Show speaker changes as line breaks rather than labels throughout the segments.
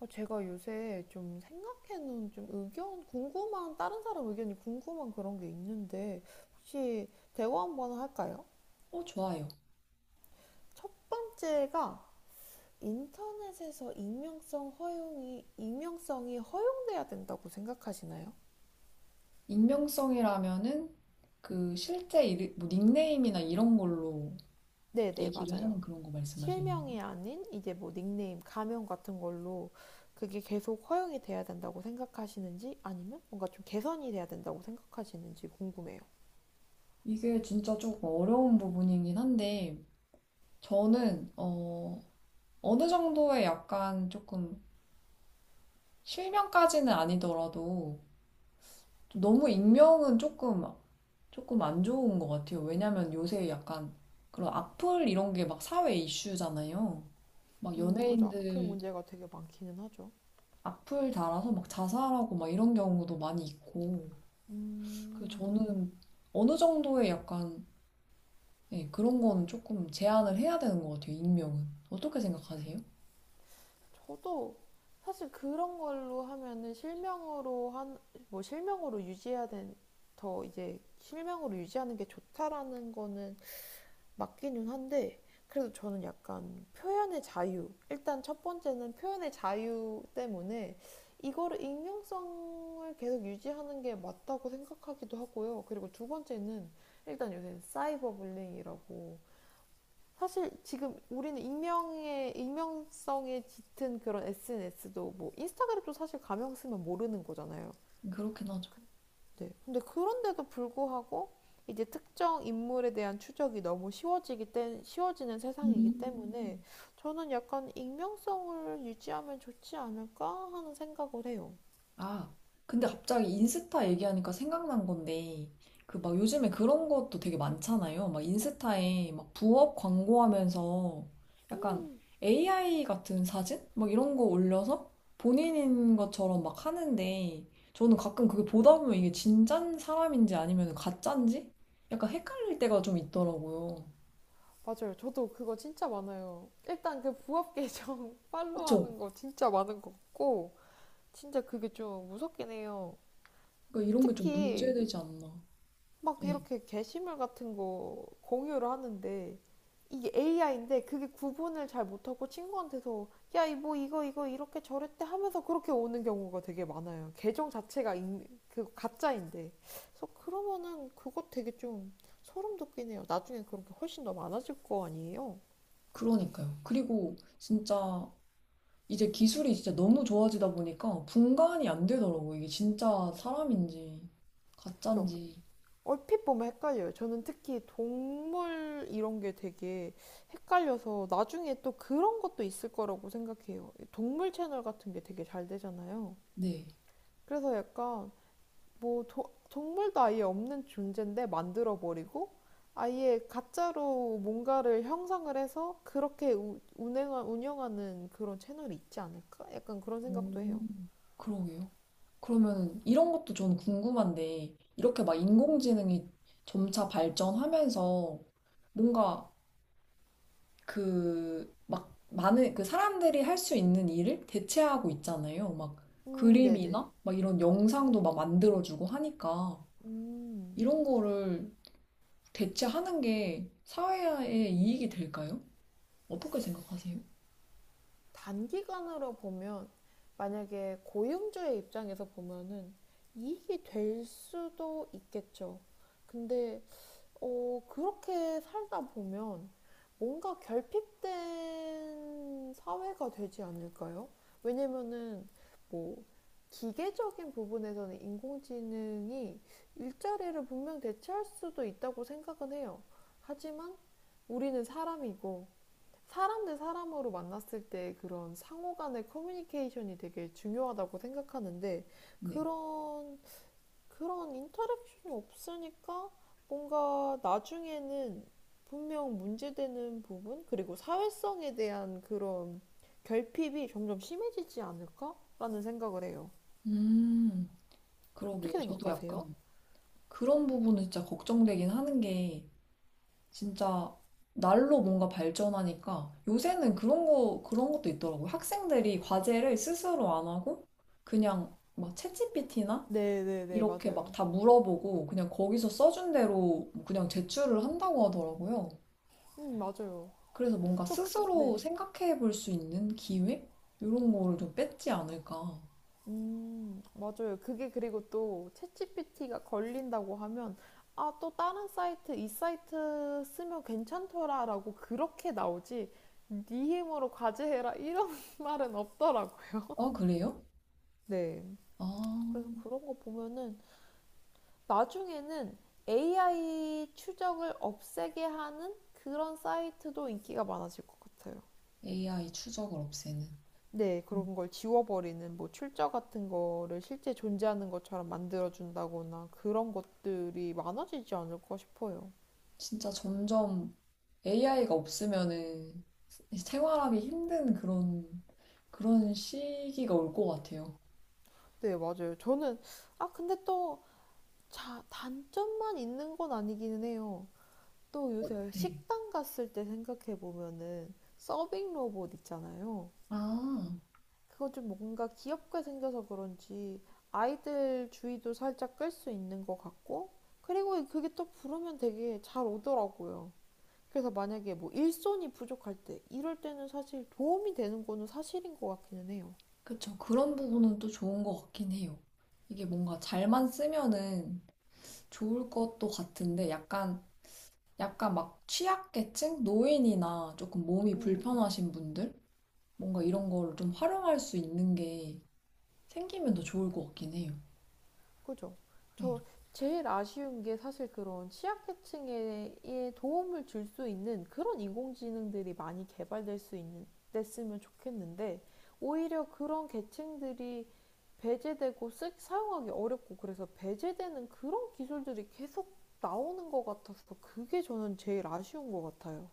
제가 요새 좀 생각해놓은 좀 의견, 궁금한, 다른 사람 의견이 궁금한 그런 게 있는데, 혹시 대화 한번 할까요?
좋아요.
첫 번째가 인터넷에서 익명성 허용이, 익명성이 허용돼야 된다고 생각하시나요?
익명성이라면은 그 실제 뭐 닉네임이나 이런 걸로
네네,
얘기를
맞아요.
하는 그런 거 말씀하시는 거예요?
실명이 아닌 이제 뭐 닉네임, 가명 같은 걸로 그게 계속 허용이 돼야 된다고 생각하시는지 아니면 뭔가 좀 개선이 돼야 된다고 생각하시는지 궁금해요.
이게 진짜 조금 어려운 부분이긴 한데 저는 어느 정도의 약간 조금 실명까지는 아니더라도 좀 너무 익명은 조금 안 좋은 것 같아요. 왜냐면 요새 약간 그런 악플 이런 게 막 사회 이슈잖아요. 막
그죠. 으플
연예인들
문제가 되게 많기는 하죠.
악플 달아서 막 자살하고 막 이런 경우도 많이 있고. 그래서
음,
저는 어느 정도의 약간 예, 그런 거는 조금 제한을 해야 되는 것 같아요, 익명은. 어떻게 생각하세요?
저도 사실 그런 걸로 하면은 뭐 실명으로 유지해야 된, 더 이제 실명으로 유지하는 게 좋다라는 거는 맞기는 한데, 그래도 저는 약간 표현의 자유. 일단 첫 번째는 표현의 자유 때문에 이거를 익명성을 계속 유지하는 게 맞다고 생각하기도 하고요. 그리고 두 번째는 일단 요새 사이버 불링이라고 사실 지금 우리는 익명의 익명성에 짙은 그런 SNS도 뭐 인스타그램도 사실 가명 쓰면 모르는 거잖아요.
그렇긴 하죠.
네. 근데 그런데도 불구하고 이제 특정 인물에 대한 추적이 너무 쉬워지기 때 쉬워지는 세상이기 때문에
음.
저는 약간 익명성을 유지하면 좋지 않을까 하는 생각을 해요.
아, 근데 갑자기 인스타 얘기하니까 생각난 건데, 그 막 요즘에 그런 것도 되게 많잖아요. 막 인스타에 막 부업 광고하면서 약간
음,
AI 같은 사진? 막 이런 거 올려서 본인인 것처럼 막 하는데, 저는 가끔 그게 보다 보면 이게 진짠 사람인지 아니면 가짠지? 약간 헷갈릴 때가 좀 있더라고요.
맞아요. 저도 그거 진짜 많아요. 일단 그 부업 계정
그쵸?
팔로우하는 거 진짜 많은 것 같고 진짜 그게 좀 무섭긴 해요.
그러니까 이런 게 좀
특히
문제되지 않나.
막
네,
이렇게 게시물 같은 거 공유를 하는데 이게 AI인데 그게 구분을 잘 못하고 친구한테서 야, 이 뭐 이거 이렇게 저랬대 하면서 그렇게 오는 경우가 되게 많아요. 계정 자체가 그 가짜인데. 그래서 그러면은 그것 되게 좀 소름 돋긴 해요. 나중에 그런 게 훨씬 더 많아질 거 아니에요?
그러니까요. 그리고 진짜 이제 기술이 진짜 너무 좋아지다 보니까 분간이 안 되더라고. 이게 진짜 사람인지,
그죠?
가짜인지.
얼핏 보면 헷갈려요. 저는 특히 동물 이런 게 되게 헷갈려서 나중에 또 그런 것도 있을 거라고 생각해요. 동물 채널 같은 게 되게 잘 되잖아요.
네.
그래서 약간 동물도 아예 없는 존재인데 만들어 버리고 아예 가짜로 뭔가를 형상을 해서 그렇게 운영하는 그런 채널이 있지 않을까? 약간 그런 생각도
오,
해요.
그러게요. 그러면 이런 것도 전 궁금한데, 이렇게 막 인공지능이 점차 발전하면서 뭔가 그, 막 많은, 그 사람들이 할 수 있는 일을 대체하고 있잖아요. 막
네네.
그림이나 막 이런 영상도 막 만들어주고 하니까
음.
이런 거를 대체하는 게 사회에 이익이 될까요? 어떻게 생각하세요?
단기간으로 보면 만약에 고용주의 입장에서 보면은 이익이 될 수도 있겠죠. 근데 그렇게 살다 보면 뭔가 결핍된 사회가 되지 않을까요? 왜냐면은 뭐 기계적인 부분에서는 인공지능이 일자리를 분명 대체할 수도 있다고 생각은 해요. 하지만 우리는 사람이고 사람 대 사람으로 만났을 때 그런 상호 간의 커뮤니케이션이 되게 중요하다고 생각하는데
네.
그런 그런 인터랙션이 없으니까 뭔가 나중에는 분명 문제되는 부분 그리고 사회성에 대한 그런 결핍이 점점 심해지지 않을까라는 생각을 해요.
음, 그러게요.
어떻게
저도
생각하세요?
약간 그런 부분은 진짜 걱정되긴 하는 게 진짜 날로 뭔가 발전하니까 요새는 그런 거, 그런 것도 있더라고요. 학생들이 과제를 스스로 안 하고 그냥 막 챗GPT나
네, 네, 네,
이렇게 막
맞아요.
다 물어보고 그냥 거기서 써준 대로 그냥 제출을 한다고 하더라고요.
맞아요.
그래서 뭔가
또 그, 네,
스스로
네.
생각해 볼 수 있는 기회? 이런 거를 좀 뺐지 않을까.
맞아요. 그게 그리고 또 챗GPT가 걸린다고 하면 아, 또 다른 사이트, 이 사이트 쓰면 괜찮더라라고 그렇게 나오지. 네 힘으로 과제해라 이런 말은 없더라고요.
아, 그래요?
네. 그래서
아,
그런 거 보면은 나중에는 AI 추적을 없애게 하는 그런 사이트도 인기가 많아질 것 같아요.
AI 추적을 없애는.
네, 그런 걸 지워버리는 뭐 출처 같은 거를 실제 존재하는 것처럼 만들어준다거나 그런 것들이 많아지지 않을까 싶어요.
진짜 점점 AI가 없으면은 생활하기 힘든 그런, 그런 시기가 올 것 같아요.
네, 맞아요. 아, 근데 또 자, 단점만 있는 건 아니기는 해요. 또 요새
네.
식당 갔을 때 생각해보면은 서빙 로봇 있잖아요.
아,
그거 좀 뭔가 귀엽게 생겨서 그런지 아이들 주의도 살짝 끌 수 있는 것 같고, 그리고 그게 또 부르면 되게 잘 오더라고요. 그래서 만약에 뭐 일손이 부족할 때 이럴 때는 사실 도움이 되는 거는 사실인 것 같기는 해요.
그쵸. 그런 부분은 또 좋은 것 같긴 해요. 이게 뭔가 잘만 쓰면은 좋을 것도 같은데 약간 막 취약계층? 노인이나 조금 몸이
음,
불편하신 분들? 뭔가 이런 거를 좀 활용할 수 있는 게 생기면 더 좋을 것 같긴 해요.
그죠?
네.
저 제일 아쉬운 게 사실 그런 취약계층에 예, 도움을 줄 수 있는 그런 인공지능들이 많이 개발될 수 있는 됐으면 좋겠는데 오히려 그런 계층들이 배제되고 사용하기 어렵고 그래서 배제되는 그런 기술들이 계속 나오는 것 같아서 그게 저는 제일 아쉬운 것 같아요.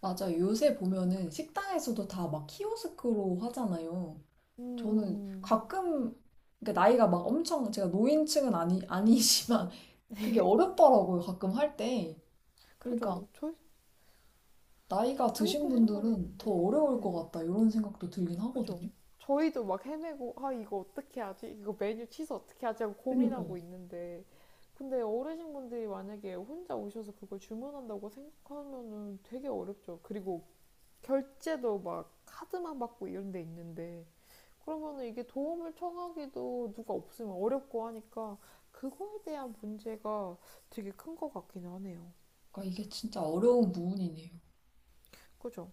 맞아요. 요새 보면은 식당에서도 다 막 키오스크로 하잖아요. 저는
음,
가끔, 그러니까 나이가 막 엄청, 제가 노인층은 아니, 아니지만 그게 어렵더라고요. 가끔 할 때. 그러니까
그죠. 저희
나이가 드신
저희도
분들은 더
헷갈리는데,
어려울 것
네.
같다. 이런 생각도 들긴
그죠?
하거든요.
저희도 막 헤매고, 아, 이거 어떻게 하지? 이거 메뉴 취소 어떻게 하지? 하고
그러니까요.
고민하고 있는데. 근데 어르신분들이 만약에 혼자 오셔서 그걸 주문한다고 생각하면은 되게 어렵죠. 그리고 결제도 막 카드만 받고 이런 데 있는데. 그러면은 이게 도움을 청하기도 누가 없으면 어렵고 하니까 그거에 대한 문제가 되게 큰 것 같긴 하네요.
그러니까 이게 진짜 어려운 부분이네요.
그죠?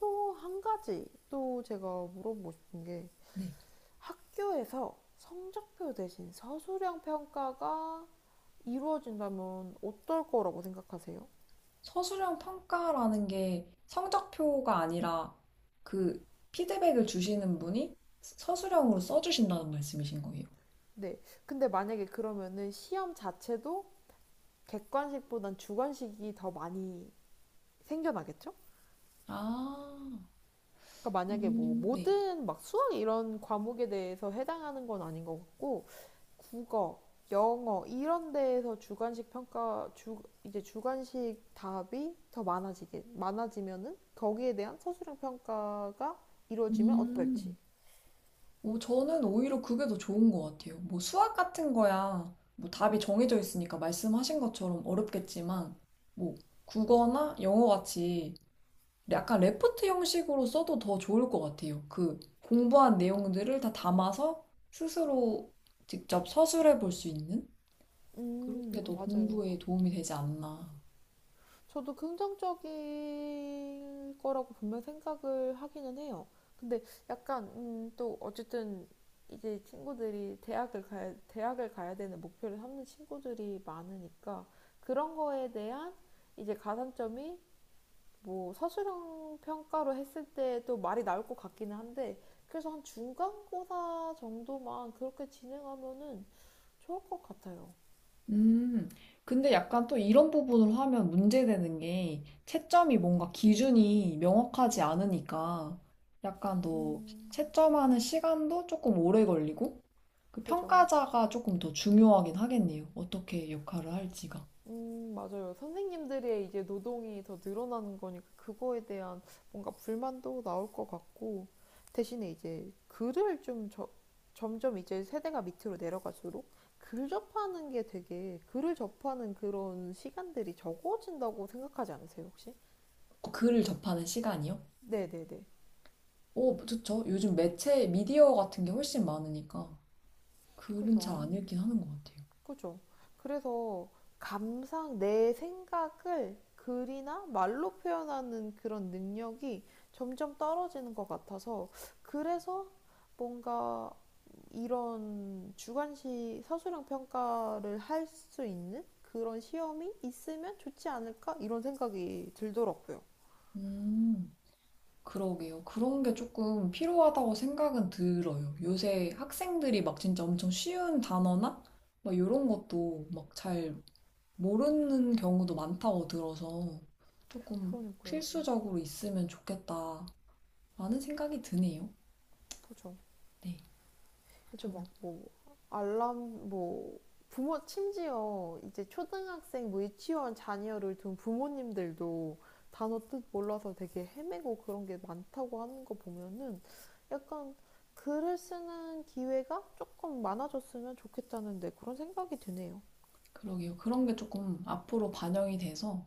또 한 가지 또 제가 물어보고 싶은 게
네.
학교에서 성적표 대신 서술형 평가가 이루어진다면 어떨 거라고 생각하세요?
서술형 평가라는 게 성적표가 아니라 그 피드백을 주시는 분이 서술형으로 써주신다는 말씀이신 거예요.
네. 근데 만약에 그러면은 시험 자체도 객관식보단 주관식이 더 많이 생겨나겠죠?
아,
그러니까 만약에 뭐
네.
모든 막 수학 이런 과목에 대해서 해당하는 건 아닌 것 같고 국어, 영어 이런 데에서 주관식 평가 주 이제 주관식 답이 더 많아지게 많아지면은 거기에 대한 서술형 평가가 이루어지면 어떨지.
음. 오, 저는 오히려 그게 더 좋은 것 같아요. 뭐 수학 같은 거야, 뭐 답이 정해져 있으니까 말씀하신 것처럼 어렵겠지만, 뭐 국어나 영어 같이 약간 레포트 형식으로 써도 더 좋을 것 같아요. 그 공부한 내용들을 다 담아서 스스로 직접 서술해 볼 수 있는 그런 게 더
맞아요.
공부에 도움이 되지 않나.
저도 긍정적일 거라고 분명 생각을 하기는 해요. 근데 약간 또 어쨌든 이제 친구들이 대학을 가야 되는 목표를 삼는 친구들이 많으니까 그런 거에 대한 이제 가산점이 뭐 사실형 평가로 했을 때도 말이 나올 것 같기는 한데 그래서 한 중간고사 정도만 그렇게 진행하면은 좋을 것 같아요.
음, 근데 약간 또 이런 부분을 하면 문제되는 게 채점이 뭔가 기준이 명확하지 않으니까 약간 더
음,
채점하는 시간도 조금 오래 걸리고 그
그죠.
평가자가 조금 더 중요하긴 하겠네요. 어떻게 역할을 할지가.
맞아요. 선생님들의 이제 노동이 더 늘어나는 거니까 그거에 대한 뭔가 불만도 나올 것 같고 대신에 이제 점점 이제 세대가 밑으로 내려갈수록 글 접하는 게 되게 글을 접하는 그런 시간들이 적어진다고 생각하지 않으세요, 혹시?
글을 접하는 시간이요?
네네네.
오, 좋죠. 요즘 매체, 미디어 같은 게 훨씬 많으니까 글은 잘
그죠.
안 읽긴 하는 것 같아요.
아 그죠. 그래서 감상, 내 생각을 글이나 말로 표현하는 그런 능력이 점점 떨어지는 것 같아서 그래서 뭔가 이런 주관식 서술형 평가를 할 수 있는 그런 시험이 있으면 좋지 않을까 이런 생각이 들더라고요.
음, 그러게요. 그런 게 조금 필요하다고 생각은 들어요. 요새 학생들이 막 진짜 엄청 쉬운 단어나 막 이런 것도 막 잘 모르는 경우도 많다고 들어서 조금
그러니까요.
필수적으로 있으면 좋겠다라는 생각이 드네요.
그죠.
네,
그래서
저
막 뭐 알람 뭐 부모 심지어 이제 초등학생 뭐 유치원 자녀를 둔 부모님들도 단어 뜻 몰라서 되게 헤매고 그런 게 많다고 하는 거 보면은 약간 글을 쓰는 기회가 조금 많아졌으면 좋겠다는데 그런 생각이 드네요.
그러게요. 그런 게 조금 앞으로 반영이 돼서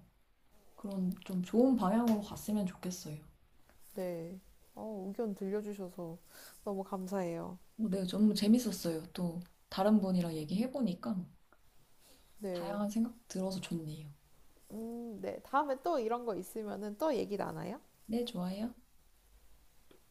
그런 좀 좋은 방향으로 갔으면 좋겠어요.
네. 의견 들려주셔서 너무 감사해요.
네, 너무 재밌었어요. 또 다른 분이랑 얘기해보니까
네.
다양한 생각 들어서 좋네요.
네. 다음에 또 이런 거 있으면은 또 얘기 나눠요.
네, 좋아요.